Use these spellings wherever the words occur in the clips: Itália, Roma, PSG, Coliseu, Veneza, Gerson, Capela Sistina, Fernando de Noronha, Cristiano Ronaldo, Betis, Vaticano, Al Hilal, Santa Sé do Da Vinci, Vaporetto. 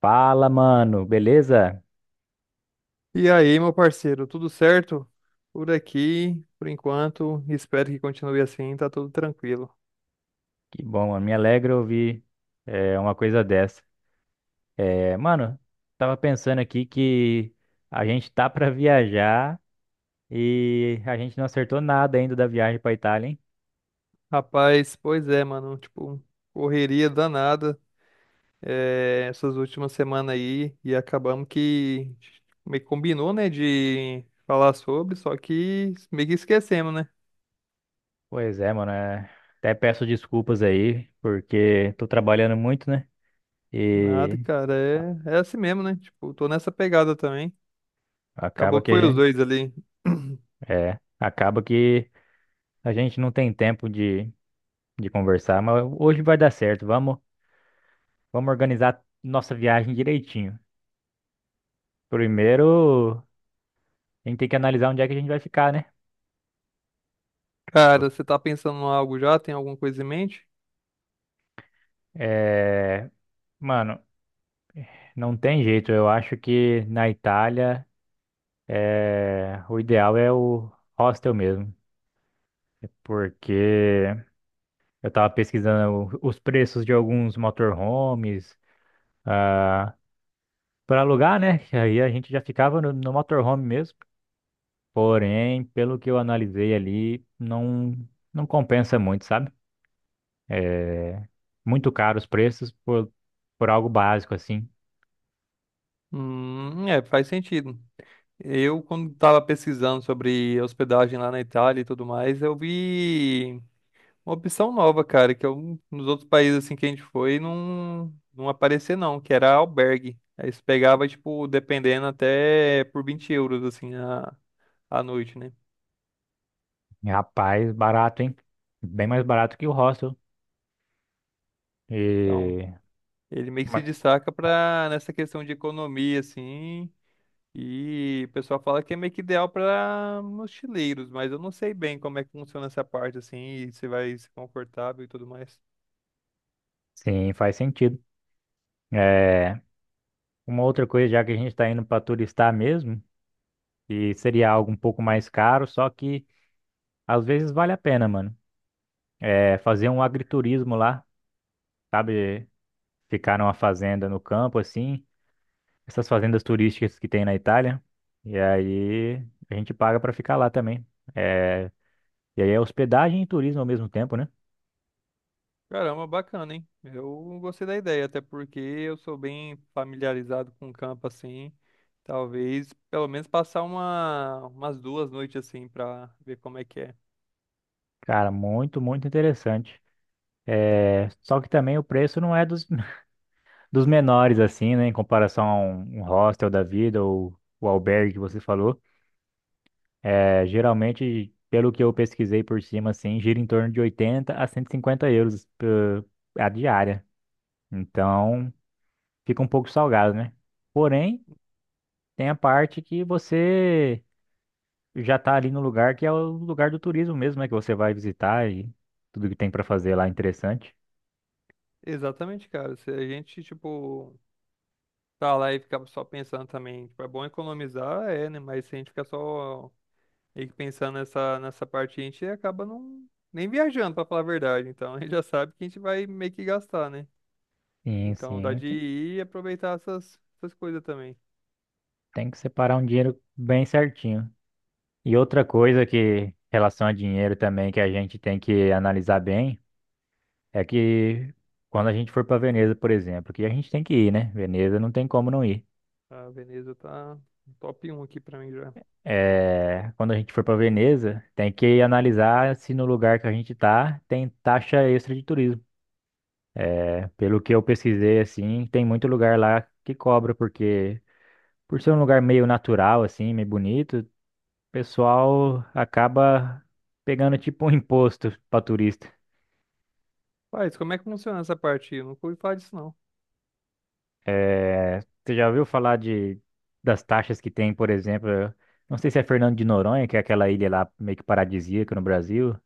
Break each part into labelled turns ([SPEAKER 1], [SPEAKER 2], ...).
[SPEAKER 1] Fala, mano, beleza?
[SPEAKER 2] E aí, meu parceiro, tudo certo? Por aqui, por enquanto, espero que continue assim, tá tudo tranquilo.
[SPEAKER 1] Que bom, mano. Me alegra ouvir uma coisa dessa. Mano, tava pensando aqui que a gente tá pra viajar e a gente não acertou nada ainda da viagem pra Itália, hein?
[SPEAKER 2] Rapaz, pois é, mano, tipo, correria danada essas últimas semanas aí e acabamos que meio que combinou, né, de falar sobre, só que meio que esquecemos, né?
[SPEAKER 1] Pois é, mano. Até peço desculpas aí, porque tô trabalhando muito, né?
[SPEAKER 2] Nada,
[SPEAKER 1] E
[SPEAKER 2] cara, é assim mesmo, né? Tipo, tô nessa pegada também.
[SPEAKER 1] acaba
[SPEAKER 2] Acabou que
[SPEAKER 1] que a
[SPEAKER 2] foi os
[SPEAKER 1] gente,
[SPEAKER 2] dois ali.
[SPEAKER 1] acaba que a gente não tem tempo de conversar, mas hoje vai dar certo. Vamos organizar nossa viagem direitinho. Primeiro, a gente tem que analisar onde é que a gente vai ficar, né?
[SPEAKER 2] Cara,
[SPEAKER 1] Nossa.
[SPEAKER 2] você tá pensando em algo já? Tem alguma coisa em mente?
[SPEAKER 1] É, mano, não tem jeito. Eu acho que na Itália o ideal é o hostel mesmo, porque eu tava pesquisando os preços de alguns motorhomes ah, para alugar, né? Que aí a gente já ficava no motorhome mesmo. Porém, pelo que eu analisei ali, não compensa muito, sabe? É, muito caro os preços por algo básico, assim.
[SPEAKER 2] É, faz sentido. Eu, quando estava pesquisando sobre hospedagem lá na Itália e tudo mais, eu vi uma opção nova, cara, que eu, nos outros países assim que a gente foi não aparecia não, que era albergue. Aí você pegava, tipo, dependendo até por 20 euros, assim, a noite, né?
[SPEAKER 1] E, rapaz, barato, hein? Bem mais barato que o hostel.
[SPEAKER 2] Então,
[SPEAKER 1] E...
[SPEAKER 2] ele meio que se
[SPEAKER 1] mas-
[SPEAKER 2] destaca pra, nessa questão de economia, assim, e o pessoal fala que é meio que ideal para mochileiros, mas eu não sei bem como é que funciona essa parte assim, e se vai ser confortável e tudo mais.
[SPEAKER 1] Sim, faz sentido. É, uma outra coisa, já que a gente está indo para turistar mesmo, e seria algo um pouco mais caro, só que às vezes vale a pena, mano. É fazer um agriturismo lá, sabe? Ficar numa fazenda no campo, assim, essas fazendas turísticas que tem na Itália. E aí a gente paga para ficar lá também. É, e aí é hospedagem e turismo ao mesmo tempo, né?
[SPEAKER 2] Caramba, bacana, hein? Eu gostei da ideia, até porque eu sou bem familiarizado com o campo assim. Talvez pelo menos passar umas duas noites assim pra ver como é que é.
[SPEAKER 1] Cara, muito, muito interessante. É, só que também o preço não é dos menores, assim, né? Em comparação a um hostel da vida ou o albergue que você falou. É, geralmente, pelo que eu pesquisei por cima, assim, gira em torno de 80 a 150 euros a diária. Então, fica um pouco salgado, né? Porém, tem a parte que você já tá ali no lugar que é o lugar do turismo mesmo, né? Que você vai visitar e tudo que tem pra fazer lá é interessante.
[SPEAKER 2] Exatamente, cara. Se a gente, tipo, tá lá e ficar só pensando também, tipo, é bom economizar, é, né? Mas se a gente ficar só e que pensando nessa parte, a gente acaba não nem viajando, pra falar a verdade. Então, a gente já sabe que a gente vai meio que gastar, né?
[SPEAKER 1] Sim,
[SPEAKER 2] Então, dá
[SPEAKER 1] sim,
[SPEAKER 2] de
[SPEAKER 1] tem,
[SPEAKER 2] ir e aproveitar essas coisas também.
[SPEAKER 1] tem que separar um dinheiro bem certinho. E outra coisa que, em relação a dinheiro também, que a gente tem que analisar bem, é que quando a gente for para Veneza, por exemplo, que a gente tem que ir, né? Veneza não tem como não ir.
[SPEAKER 2] A Veneza tá top um aqui pra mim já.
[SPEAKER 1] É, quando a gente for para Veneza, tem que analisar se no lugar que a gente tá tem taxa extra de turismo. É, pelo que eu pesquisei, assim, tem muito lugar lá que cobra, porque por ser um lugar meio natural, assim, meio bonito, o pessoal acaba pegando tipo um imposto para turista.
[SPEAKER 2] Mas como é que funciona essa parte? Eu nunca ouvi falar disso, não.
[SPEAKER 1] É, você já ouviu falar de das taxas que tem, por exemplo, eu não sei se é Fernando de Noronha, que é aquela ilha lá meio que paradisíaca no Brasil.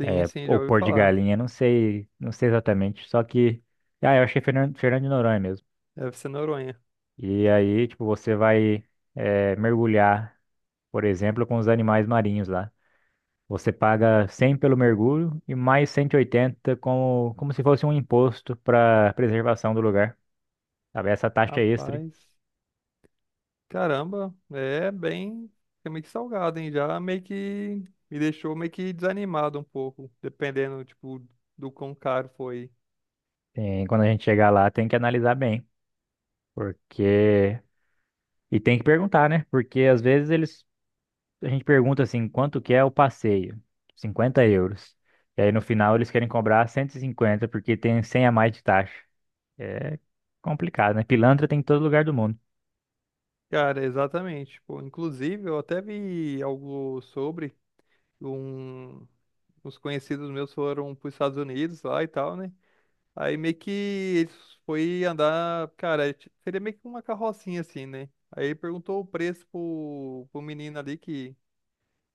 [SPEAKER 2] Sim, sim, já
[SPEAKER 1] Ou
[SPEAKER 2] ouvi
[SPEAKER 1] pôr de
[SPEAKER 2] falar.
[SPEAKER 1] galinha, não sei, não sei exatamente. Só que, ah, eu achei Fernando, Fernando de Noronha mesmo.
[SPEAKER 2] Deve ser Noronha.
[SPEAKER 1] E aí, tipo, você vai mergulhar, por exemplo, com os animais marinhos lá. Você paga 100 pelo mergulho e mais 180 como, como se fosse um imposto para preservação do lugar. Sabe? Essa taxa extra,
[SPEAKER 2] Rapaz, caramba, é meio que salgado, hein? Já meio que me deixou meio que desanimado um pouco, dependendo, tipo, do quão caro foi.
[SPEAKER 1] tem, quando a gente chegar lá, tem que analisar bem, porque... E tem que perguntar, né? Porque às vezes eles a gente pergunta assim, quanto que é o passeio? 50 euros. E aí no final eles querem cobrar 150 porque tem 100 a mais de taxa. É complicado, né? Pilantra tem em todo lugar do mundo.
[SPEAKER 2] Cara, exatamente. Pô, inclusive, eu até vi algo sobre um... uns conhecidos meus foram para os Estados Unidos lá e tal, né? Aí meio que eles foi andar, cara, seria meio que uma carrocinha assim, né? Aí perguntou o preço pro menino ali que,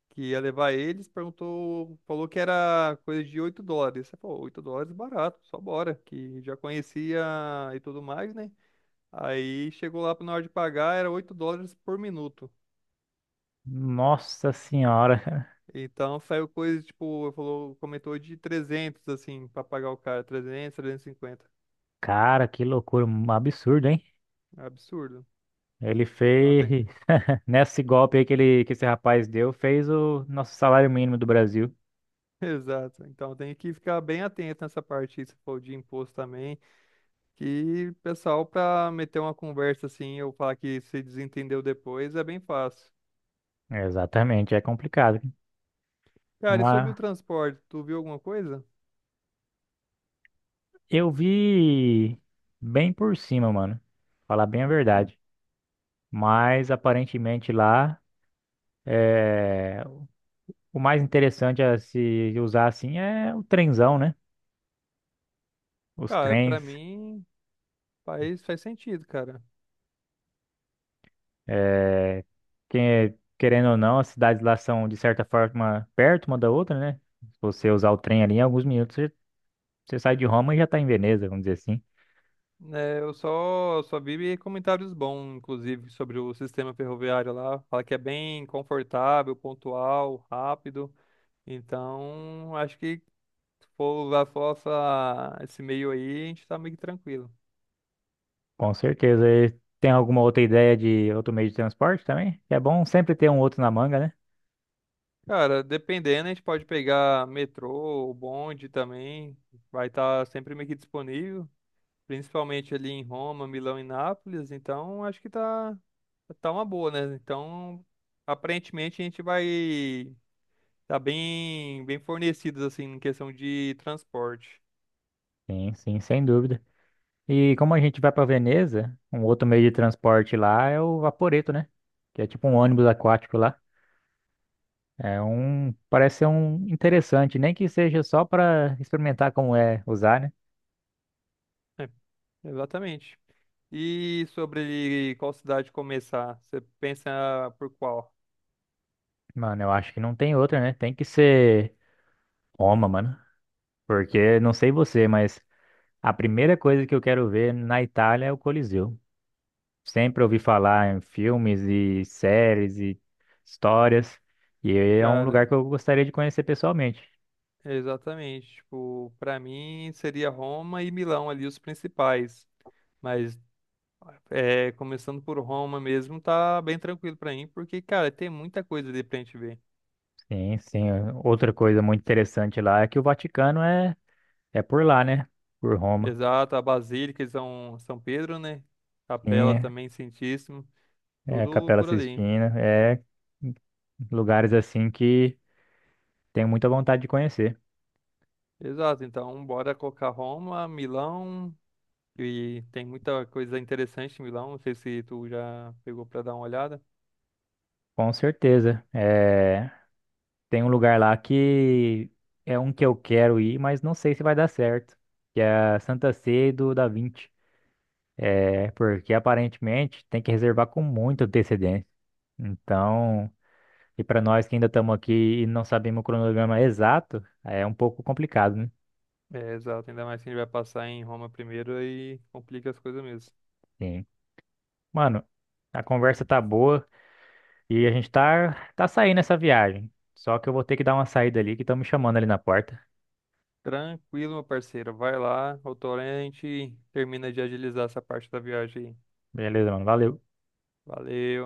[SPEAKER 2] que ia levar eles, perguntou, falou que era coisa de US$ 8. Aí, pô, 8 dólares barato, só bora, que já conhecia e tudo mais, né? Aí chegou lá na hora de pagar, era US$ 8 por minuto.
[SPEAKER 1] Nossa senhora,
[SPEAKER 2] Então saiu coisa, tipo, falou, comentou de 300 assim, pra pagar o cara, 300, 350.
[SPEAKER 1] cara, que loucura, um absurdo, hein?
[SPEAKER 2] É absurdo.
[SPEAKER 1] Ele
[SPEAKER 2] Então
[SPEAKER 1] fez,
[SPEAKER 2] tem,
[SPEAKER 1] nesse golpe aí que esse rapaz deu, fez o nosso salário mínimo do Brasil.
[SPEAKER 2] exato. Então tem que ficar bem atento nessa parte, aí, se for de imposto também, que pessoal pra meter uma conversa assim, ou falar que se desentendeu depois, é bem fácil.
[SPEAKER 1] É, exatamente, é complicado.
[SPEAKER 2] Cara, e sobre
[SPEAKER 1] Mas
[SPEAKER 2] o transporte, tu viu alguma coisa?
[SPEAKER 1] eu vi bem por cima, mano. Falar bem a verdade. Mas aparentemente lá é, o mais interessante a se usar assim é o trenzão, né? Os
[SPEAKER 2] Cara, pra
[SPEAKER 1] trens.
[SPEAKER 2] mim faz sentido, cara.
[SPEAKER 1] É, que- querendo ou não, as cidades lá são de certa forma perto uma da outra, né? Se você usar o trem ali, em alguns minutos você sai de Roma e já está em Veneza, vamos dizer assim.
[SPEAKER 2] É, eu só vi comentários bons, inclusive, sobre o sistema ferroviário lá. Fala que é bem confortável, pontual, rápido. Então, acho que se for usar só esse meio aí, a gente tá meio que tranquilo.
[SPEAKER 1] Com certeza. E tem alguma outra ideia de outro meio de transporte também? É bom sempre ter um outro na manga, né?
[SPEAKER 2] Cara, dependendo, a gente pode pegar metrô, ou bonde também. Vai estar sempre meio que disponível. Principalmente ali em Roma, Milão e Nápoles. Então, acho que tá uma boa, né? Então, aparentemente, a gente vai. Tá bem, bem fornecidos, assim, em questão de transporte.
[SPEAKER 1] Sim, sim, sem dúvida. E como a gente vai para Veneza, um outro meio de transporte lá é o Vaporetto, né? Que é tipo um ônibus aquático lá. É um, parece ser um interessante, nem que seja só para experimentar como é usar, né?
[SPEAKER 2] É, exatamente. E sobre qual cidade começar? Você pensa por qual?
[SPEAKER 1] Mano, eu acho que não tem outra, né? Tem que ser Roma, mano. Porque não sei você, mas a primeira coisa que eu quero ver na Itália é o Coliseu. Sempre ouvi falar em filmes e séries e histórias, e é um lugar
[SPEAKER 2] Cara,
[SPEAKER 1] que eu gostaria de conhecer pessoalmente.
[SPEAKER 2] exatamente. Tipo, pra mim seria Roma e Milão ali os principais. Mas é, começando por Roma mesmo, tá bem tranquilo pra mim, porque, cara, tem muita coisa ali pra gente ver.
[SPEAKER 1] Sim, sim. Outra coisa muito interessante lá é que o Vaticano é por lá, né? Por Roma.
[SPEAKER 2] Exato, a Basílica de São Pedro, né?
[SPEAKER 1] Sim,
[SPEAKER 2] Capela
[SPEAKER 1] é
[SPEAKER 2] também, Santíssimo,
[SPEAKER 1] é a
[SPEAKER 2] tudo
[SPEAKER 1] Capela
[SPEAKER 2] por ali.
[SPEAKER 1] Sistina, é lugares assim que tenho muita vontade de conhecer.
[SPEAKER 2] Exato, então bora colocar Roma, Milão, e tem muita coisa interessante em Milão, não sei se tu já pegou pra dar uma olhada.
[SPEAKER 1] Com certeza. É, tem um lugar lá que é um que eu quero ir, mas não sei se vai dar certo, que é a Santa Sé do Da Vinci. É porque aparentemente tem que reservar com muita antecedência. Então, e para nós que ainda estamos aqui e não sabemos o cronograma exato, é um pouco complicado, né?
[SPEAKER 2] É, exato, ainda mais que a gente vai passar em Roma primeiro, aí complica as coisas mesmo.
[SPEAKER 1] Sim. Mano, a conversa tá boa e a gente tá saindo essa viagem. Só que eu vou ter que dar uma saída ali que estão me chamando ali na porta.
[SPEAKER 2] Tranquilo, meu parceiro, vai lá, outra hora a gente termina de agilizar essa parte da viagem aí.
[SPEAKER 1] Beleza, mano. Valeu.
[SPEAKER 2] Valeu.